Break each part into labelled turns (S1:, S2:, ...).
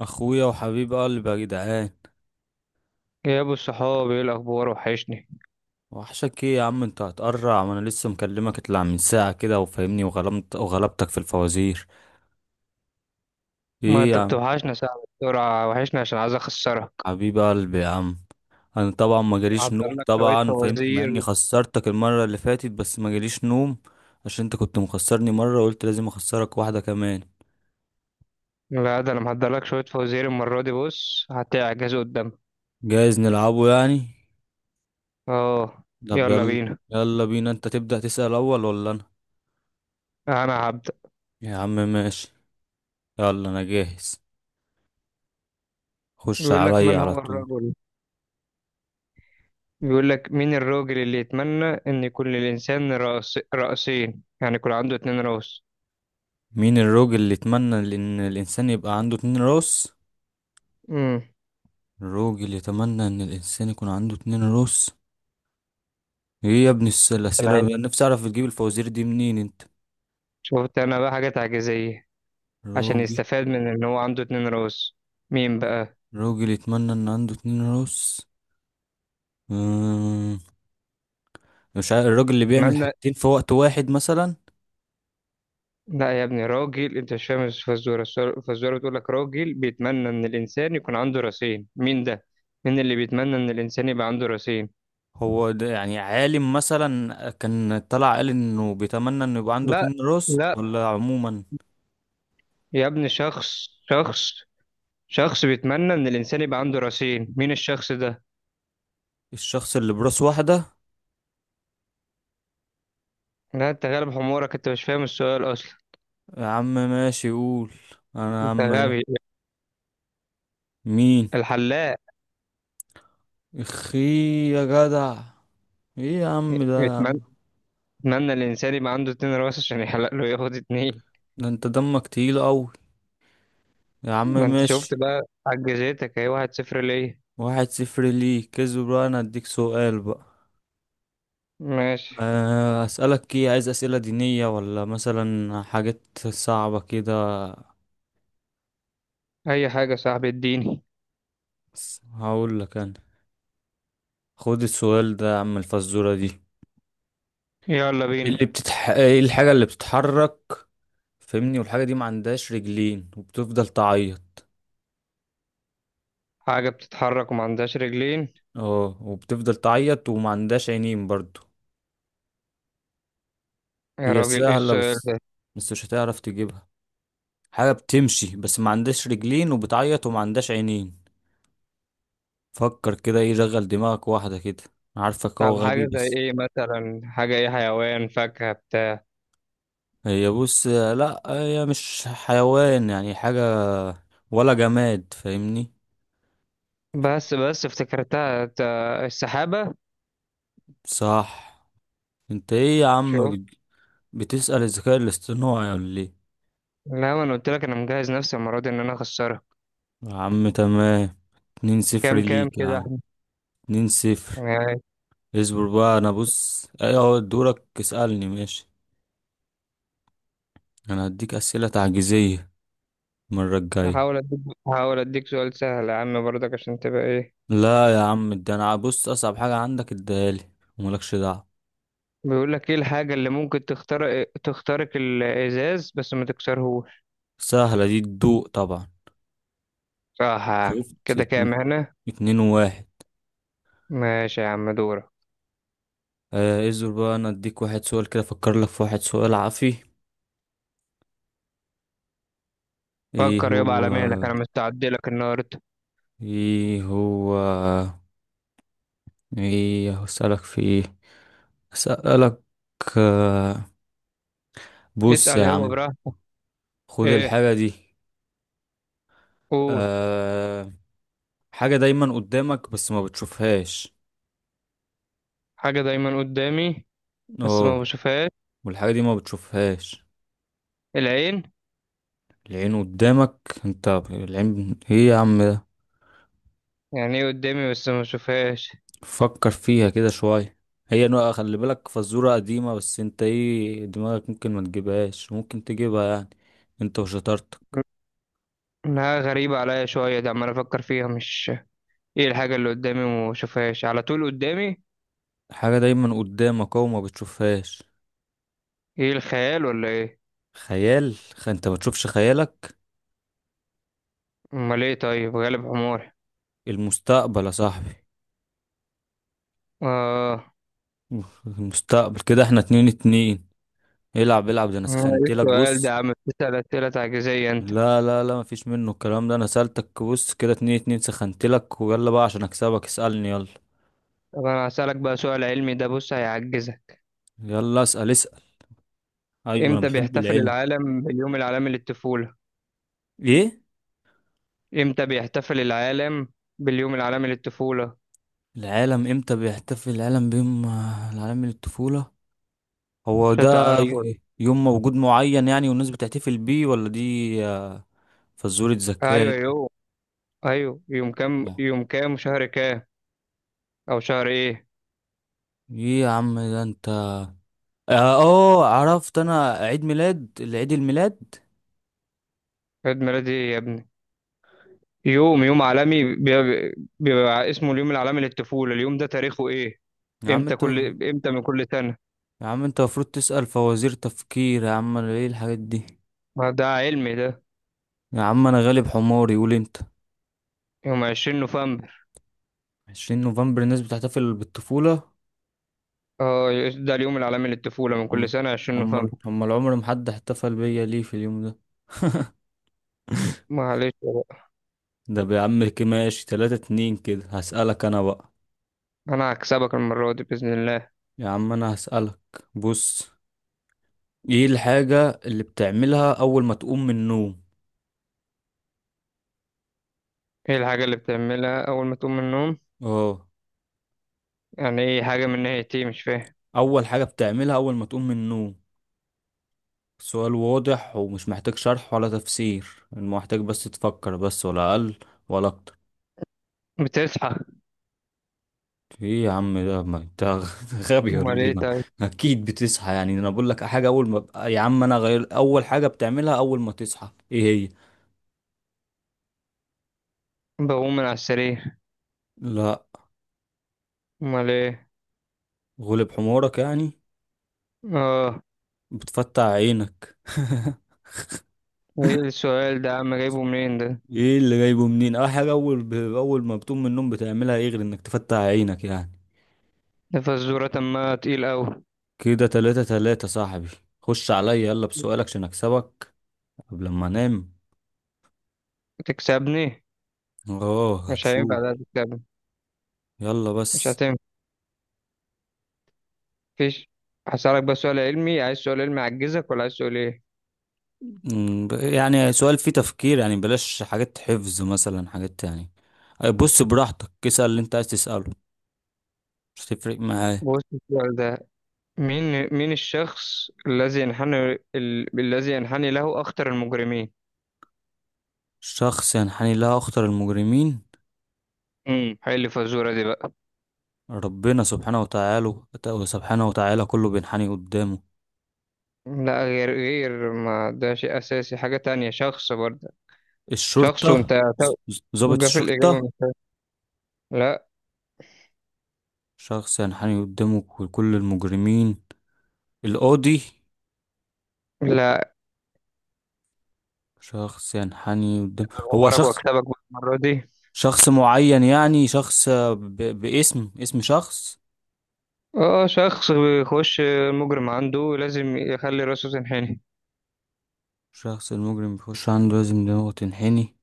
S1: اخويا وحبيب قلبي يا جدعان.
S2: يا ابو الصحاب، ايه الاخبار؟ وحشني.
S1: وحشك ايه يا عم؟ انت هتقرع وانا لسه مكلمك، اطلع من ساعه كده وفاهمني وغلمت وغلبتك في الفوازير.
S2: ما
S1: ايه يا
S2: انت
S1: عم؟
S2: بتوحشنا، ساعة بسرعة وحشني عشان عايز اخسرك.
S1: حبيب قلبي يا عم. انا طبعا ما جاليش
S2: محضر
S1: نوم،
S2: لك شوية
S1: طبعا فاهمني، مع
S2: فوازير.
S1: اني خسرتك المره اللي فاتت بس ما جاليش نوم. عشان انت كنت مخسرني مره وقلت لازم اخسرك واحده كمان.
S2: لا، ده انا محضر لك شوية فوازير المرة دي، بص هتعجز قدامك.
S1: جايز نلعبه يعني.
S2: اه،
S1: طب
S2: يلا
S1: يلا.
S2: بينا،
S1: يلا بينا، انت تبدا تسال اول ولا انا؟
S2: انا هبدأ.
S1: يا عم ماشي. يلا انا جاهز. خش
S2: بيقول لك،
S1: عليا
S2: من
S1: على
S2: هو
S1: طول.
S2: الرجل؟ بيقول لك، مين الراجل اللي يتمنى ان يكون للانسان رأس رأسين؟ يعني يكون عنده اتنين رأس.
S1: مين الراجل اللي يتمنى ان الانسان يبقى عنده اتنين راس؟
S2: امم.
S1: الراجل يتمنى ان الانسان يكون عنده اتنين راس. ايه يا ابني
S2: عشان
S1: الاسئله
S2: عايز.
S1: بقى؟ نفسي اعرف بتجيب الفوازير دي منين انت؟
S2: شفت انا بقى حاجة تعجيزية؟ عشان
S1: راجل.
S2: يستفاد من ان هو عنده اتنين رأس. مين بقى؟
S1: راجل يتمنى ان عنده اتنين راس. أمم، مش عارف، الراجل اللي بيعمل
S2: اتمنى.
S1: حاجتين في وقت واحد مثلا؟
S2: لا يا ابني، راجل، انت مش فاهم الفزوره، الفزوره بتقول لك راجل بيتمنى ان الانسان يكون عنده راسين، مين ده؟ مين اللي بيتمنى ان الانسان يبقى عنده راسين؟
S1: هو ده يعني عالم مثلا كان طلع قال انه بيتمنى انه يبقى عنده
S2: لا،
S1: اتنين راس
S2: لا
S1: ولا عموما؟
S2: يا ابني، شخص شخص. شخص بيتمنى ان الانسان يبقى عنده راسين، مين الشخص ده؟
S1: الشخص اللي براس واحدة.
S2: لا، انت غالب حمورك، انت مش فاهم السؤال اصلا.
S1: يا عم ماشي، قول. انا يا
S2: انت
S1: عم
S2: غبي.
S1: ايه؟ مين؟
S2: الحلاق.
S1: اخي. يا جدع. ايه يا عم ده يا
S2: بيتمنى
S1: عم؟
S2: بيتمنى الانسان يبقى عنده اتنين راس عشان يحلق له ياخد اتنين.
S1: ده انت دمك تقيل قوي. يا عم
S2: ما انت شفت
S1: ماشي.
S2: بقى؟ عجزتك اهي، واحد صفر ليه.
S1: واحد صفر ليك، كسب بقى، انا اديك سؤال بقى.
S2: ماشي.
S1: اسالك ايه؟ عايز اسئله دينيه ولا مثلا حاجات صعبه كده؟
S2: اي حاجه يا صاحبي، اديني.
S1: بس هقول لك انا. خد السؤال ده يا عم، الفزوره دي.
S2: يلا بينا.
S1: ايه الحاجه اللي بتتحرك؟ فهمني، والحاجه دي ما عندهاش رجلين وبتفضل تعيط.
S2: حاجة بتتحرك وما عندهاش رجلين؟
S1: اه وبتفضل تعيط وما عندهاش عينين برضو.
S2: يا
S1: هي
S2: راجل،
S1: سهلة
S2: ايش؟
S1: بس. بس مش هتعرف تجيبها. حاجة بتمشي بس ما عندهاش رجلين وبتعيط وما عندهاش عينين. فكر كده، ايه، شغل دماغك واحدة كده. أنا عارفك هو
S2: طب
S1: غبي
S2: حاجة زي
S1: بس.
S2: ايه مثلا، حاجة ايه، حيوان، فاكهة، بتاع؟
S1: هي بص، لا هي مش حيوان، يعني حاجة. ولا جماد، فاهمني.
S2: بس بس افتكرتها. السحابة.
S1: صح. انت ايه يا عم
S2: شوف.
S1: بتسأل الذكاء الاصطناعي ولا ايه؟
S2: لا، ما انا قلت لك انا مجهز نفسي المرة دي ان انا اخسرها.
S1: يا عم تمام. اتنين صفر
S2: كام كام
S1: ليك يا
S2: كده
S1: عم.
S2: احنا؟
S1: اتنين صفر.
S2: يعني.
S1: اصبر بقى، انا بص ايه اهو دورك اسألني، ماشي. انا هديك اسئلة تعجيزية المرة الجاية.
S2: هحاول اديك هحاول اديك سؤال سهل يا عم برضك عشان تبقى ايه.
S1: لا يا عم، ده انا بص اصعب حاجة عندك اديهالي وملكش دعوة.
S2: بيقول لك، ايه الحاجة اللي ممكن تخترق الازاز بس ما تكسرهوش؟
S1: سهلة دي تدوق طبعا.
S2: صح.
S1: شفت
S2: كده كام هنا؟
S1: اتنين وواحد.
S2: ماشي يا عم، دورك.
S1: آه، ازور بقى، انا اديك واحد سؤال كده، افكر لك في واحد سؤال عافي. ايه
S2: فكر يابا
S1: هو؟
S2: على مهلك، انا مستعد لك النهارده.
S1: ايه هو؟ ايه هسألك في ايه؟ اسألك. آه. بص
S2: اسأل
S1: يا
S2: يابا
S1: عم،
S2: براحتك.
S1: خد
S2: ايه؟
S1: الحاجة دي.
S2: قول.
S1: آه حاجة دايما قدامك بس ما بتشوفهاش.
S2: حاجة دايما قدامي بس
S1: اه
S2: ما بشوفهاش.
S1: والحاجة دي ما بتشوفهاش.
S2: العين.
S1: العين قدامك. انت العين ايه يا عم ده؟
S2: يعني ايه قدامي بس ما بشوفهاش؟
S1: فكر فيها كده شوية. هي نوع، خلي بالك، فزورة قديمة، بس انت ايه، دماغك ممكن ما تجيبهاش، ممكن تجيبها يعني. انت وشطارتك.
S2: انها غريبة عليا شوية، ده عمال افكر فيها مش. ايه الحاجة اللي قدامي وما بشوفهاش على طول قدامي؟
S1: حاجة دايما قدامك اهو ما بتشوفهاش.
S2: ايه، الخيال ولا ايه؟
S1: خيال انت ما تشوفش خيالك.
S2: امال ايه طيب، غالب حماري.
S1: المستقبل يا صاحبي.
S2: اه.
S1: المستقبل. كده احنا اتنين اتنين. العب العب، ده انا
S2: ايه
S1: سخنتلك
S2: السؤال ده
S1: بص.
S2: يا عم، بتسأل اسئلة تعجيزية انت.
S1: لا لا لا، مفيش منه الكلام ده. انا سألتك بص كده اتنين اتنين، سخنتلك، ويلا بقى عشان اكسبك، اسألني يلا.
S2: طب انا هسألك بقى سؤال علمي، ده بص هيعجزك.
S1: يلا اسأل اسأل. ايوه انا
S2: امتى
S1: بحب
S2: بيحتفل
S1: العلم.
S2: العالم باليوم العالمي للطفولة؟
S1: ايه؟
S2: امتى بيحتفل العالم باليوم العالمي للطفولة؟
S1: العالم امتى بيحتفل العالم بيوم العالم من الطفولة؟ هو
S2: مش
S1: ده
S2: هتعرفه.
S1: يوم موجود معين يعني والناس بتحتفل بيه ولا دي؟ آه، فزورة
S2: ايوه،
S1: ذكاء.
S2: يوم. ايوه، يوم كام،
S1: لا.
S2: يوم كام، شهر كام؟ او شهر ايه؟
S1: ايه يا عم ده انت؟ اه. عرفت، انا عيد ميلاد العيد الميلاد.
S2: عيد ميلادي إيه يا ابني؟ يوم عالمي بيبقى, اسمه اليوم العالمي للطفولة، اليوم ده تاريخه ايه؟
S1: يا عم
S2: امتى،
S1: انت.
S2: كل امتى من كل سنة؟
S1: يا عم انت المفروض تسأل فوازير تفكير يا عم، انا ايه الحاجات دي؟
S2: ما ده علمي ده.
S1: يا عم انا غالب حماري، قول انت.
S2: يوم 20 نوفمبر.
S1: 20 نوفمبر الناس بتحتفل بالطفولة.
S2: اه، ده اليوم العالمي للطفولة من كل
S1: أم-
S2: سنة 20
S1: امال
S2: نوفمبر.
S1: امال عمر ما حد احتفل بيا ليه في اليوم ده؟
S2: معلش بقى.
S1: ده يا عم كماشي تلاتة اتنين، كده هسألك انا بقى.
S2: انا هكسبك المرة دي بإذن الله.
S1: يا عم انا هسألك. بص. ايه الحاجة اللي بتعملها اول ما تقوم من النوم؟
S2: ايه الحاجة اللي بتعملها اول ما تقوم من النوم؟
S1: اه.
S2: يعني ايه، حاجة من ناحية ايه، مش فاهم.
S1: اول حاجة بتعملها اول ما تقوم من النوم، سؤال واضح ومش محتاج شرح ولا تفسير. المحتاج بس تفكر بس، ولا اقل ولا اكتر.
S2: بتصحى.
S1: ايه يا عم ده؟ ما انت غبي
S2: امال
S1: ولا ايه؟
S2: ايه
S1: ما
S2: طيب؟
S1: اكيد بتصحى، يعني انا بقول لك حاجه اول ما، يا عم انا غير اول حاجه بتعملها اول ما تصحى ايه هي؟
S2: بقوم من على السرير.
S1: لا.
S2: امال ايه؟
S1: غلب حمارك يعني.
S2: اه.
S1: بتفتح عينك.
S2: ايه السؤال ده يا عم، جايبه منين ده؟
S1: ايه اللي جايبه منين اه؟ حاجه اول ما بتقوم من النوم بتعملها ايه غير انك تفتح عينك يعني؟
S2: ده فزورة ما، تقيل اوي.
S1: كده تلاتة تلاتة صاحبي. خش عليا يلا بسؤالك عشان اكسبك. قبل ما انام.
S2: تكسبني؟
S1: اه،
S2: مش
S1: هتشوف.
S2: هينفع ده تكسبني.
S1: يلا
S2: مش
S1: بس.
S2: هتنفع. مفيش. هسألك بس سؤال علمي، عايز سؤال علمي يعجزك ولا عايز سؤال ايه؟
S1: يعني سؤال فيه تفكير يعني، بلاش حاجات حفظ مثلا، حاجات يعني. بص براحتك، اسأل اللي انت عايز تسأله. مش هتفرق معايا.
S2: بص السؤال ده. مين الشخص الذي ينحني، الذي ينحني له اخطر المجرمين.
S1: شخص ينحني لها أخطر المجرمين.
S2: حل الفزورة دي بقى.
S1: ربنا سبحانه وتعالى. سبحانه وتعالى كله بينحني قدامه.
S2: لا، غير ما ده شيء أساسي، حاجة تانية، شخص برضه. شخص
S1: الشرطة.
S2: وأنت.
S1: ضابط
S2: توجه في الإجابة،
S1: الشرطة.
S2: مش. لا،
S1: شخص ينحني قدامه كل المجرمين. القاضي.
S2: لا.
S1: شخص ينحني قدامه. هو
S2: غمرك
S1: شخص.
S2: وأكسبك بقى المرة دي.
S1: شخص معين يعني، شخص باسم اسم شخص.
S2: اه، شخص بيخش المجرم عنده لازم يخلي راسه تنحني.
S1: الشخص المجرم بيخش عنده لازم دماغه تنحني.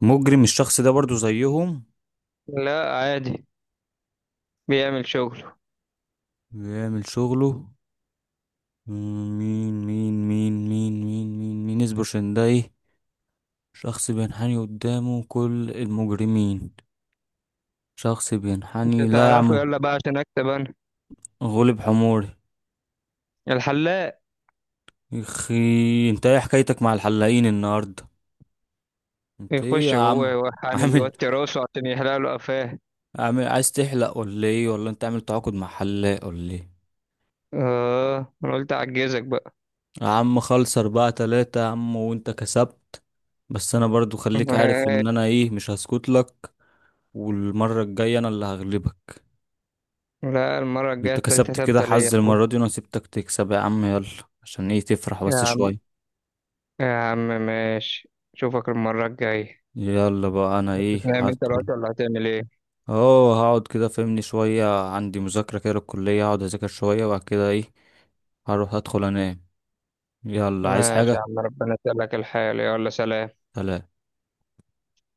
S1: مجرم الشخص ده برضو زيهم.
S2: لا، عادي. بيعمل شغله.
S1: بيعمل شغله. مين مين مين مين مين مين مين اصبر عشان ده ايه. شخص بينحني قدامه كل المجرمين. شخص
S2: انت
S1: بينحني. لا يا
S2: تعرفه،
S1: عم.
S2: يلا بقى عشان اكتب انا.
S1: غلب حموري.
S2: الحلاق.
S1: يخي انت ايه حكايتك مع الحلاقين النهارده؟ انت ايه يا
S2: يخش جوه
S1: عم؟
S2: يوحني،
S1: عامل.
S2: يوطي راسه عشان يحلق له قفاه.
S1: عامل عايز تحلق ولا ايه، ولا انت عامل تعاقد مع حلاق ولا ايه؟
S2: اه، انا قلت اعجزك بقى.
S1: يا عم خلص، أربعة تلاتة يا عم، وأنت كسبت. بس أنا برضو خليك عارف إن أنا إيه، مش هسكت لك. والمرة الجاية أنا اللي هغلبك.
S2: لا، المرة الجاية
S1: أنت
S2: التالتة
S1: كسبت كده
S2: تابتة ليا يا
S1: حظ
S2: أخويا.
S1: المرة دي وأنا سبتك تكسب يا عم، يلا. عشان إيه تفرح بس
S2: يا
S1: شوية.
S2: يا عم ماشي، اشوفك المرة الجاية.
S1: يلا بقى، أنا إيه
S2: هتنام انت
S1: هدخل.
S2: دلوقتي ولا هتعمل ايه؟
S1: أه هقعد كده فهمني شوية، عندي مذاكرة كده للكلية، هقعد أذاكر شوية وبعد كده إيه. هروح أدخل أنام. يلا عايز
S2: ماشي
S1: حاجة.
S2: يا عم، ربنا يسهلك الحال، يلا سلام.
S1: سلام.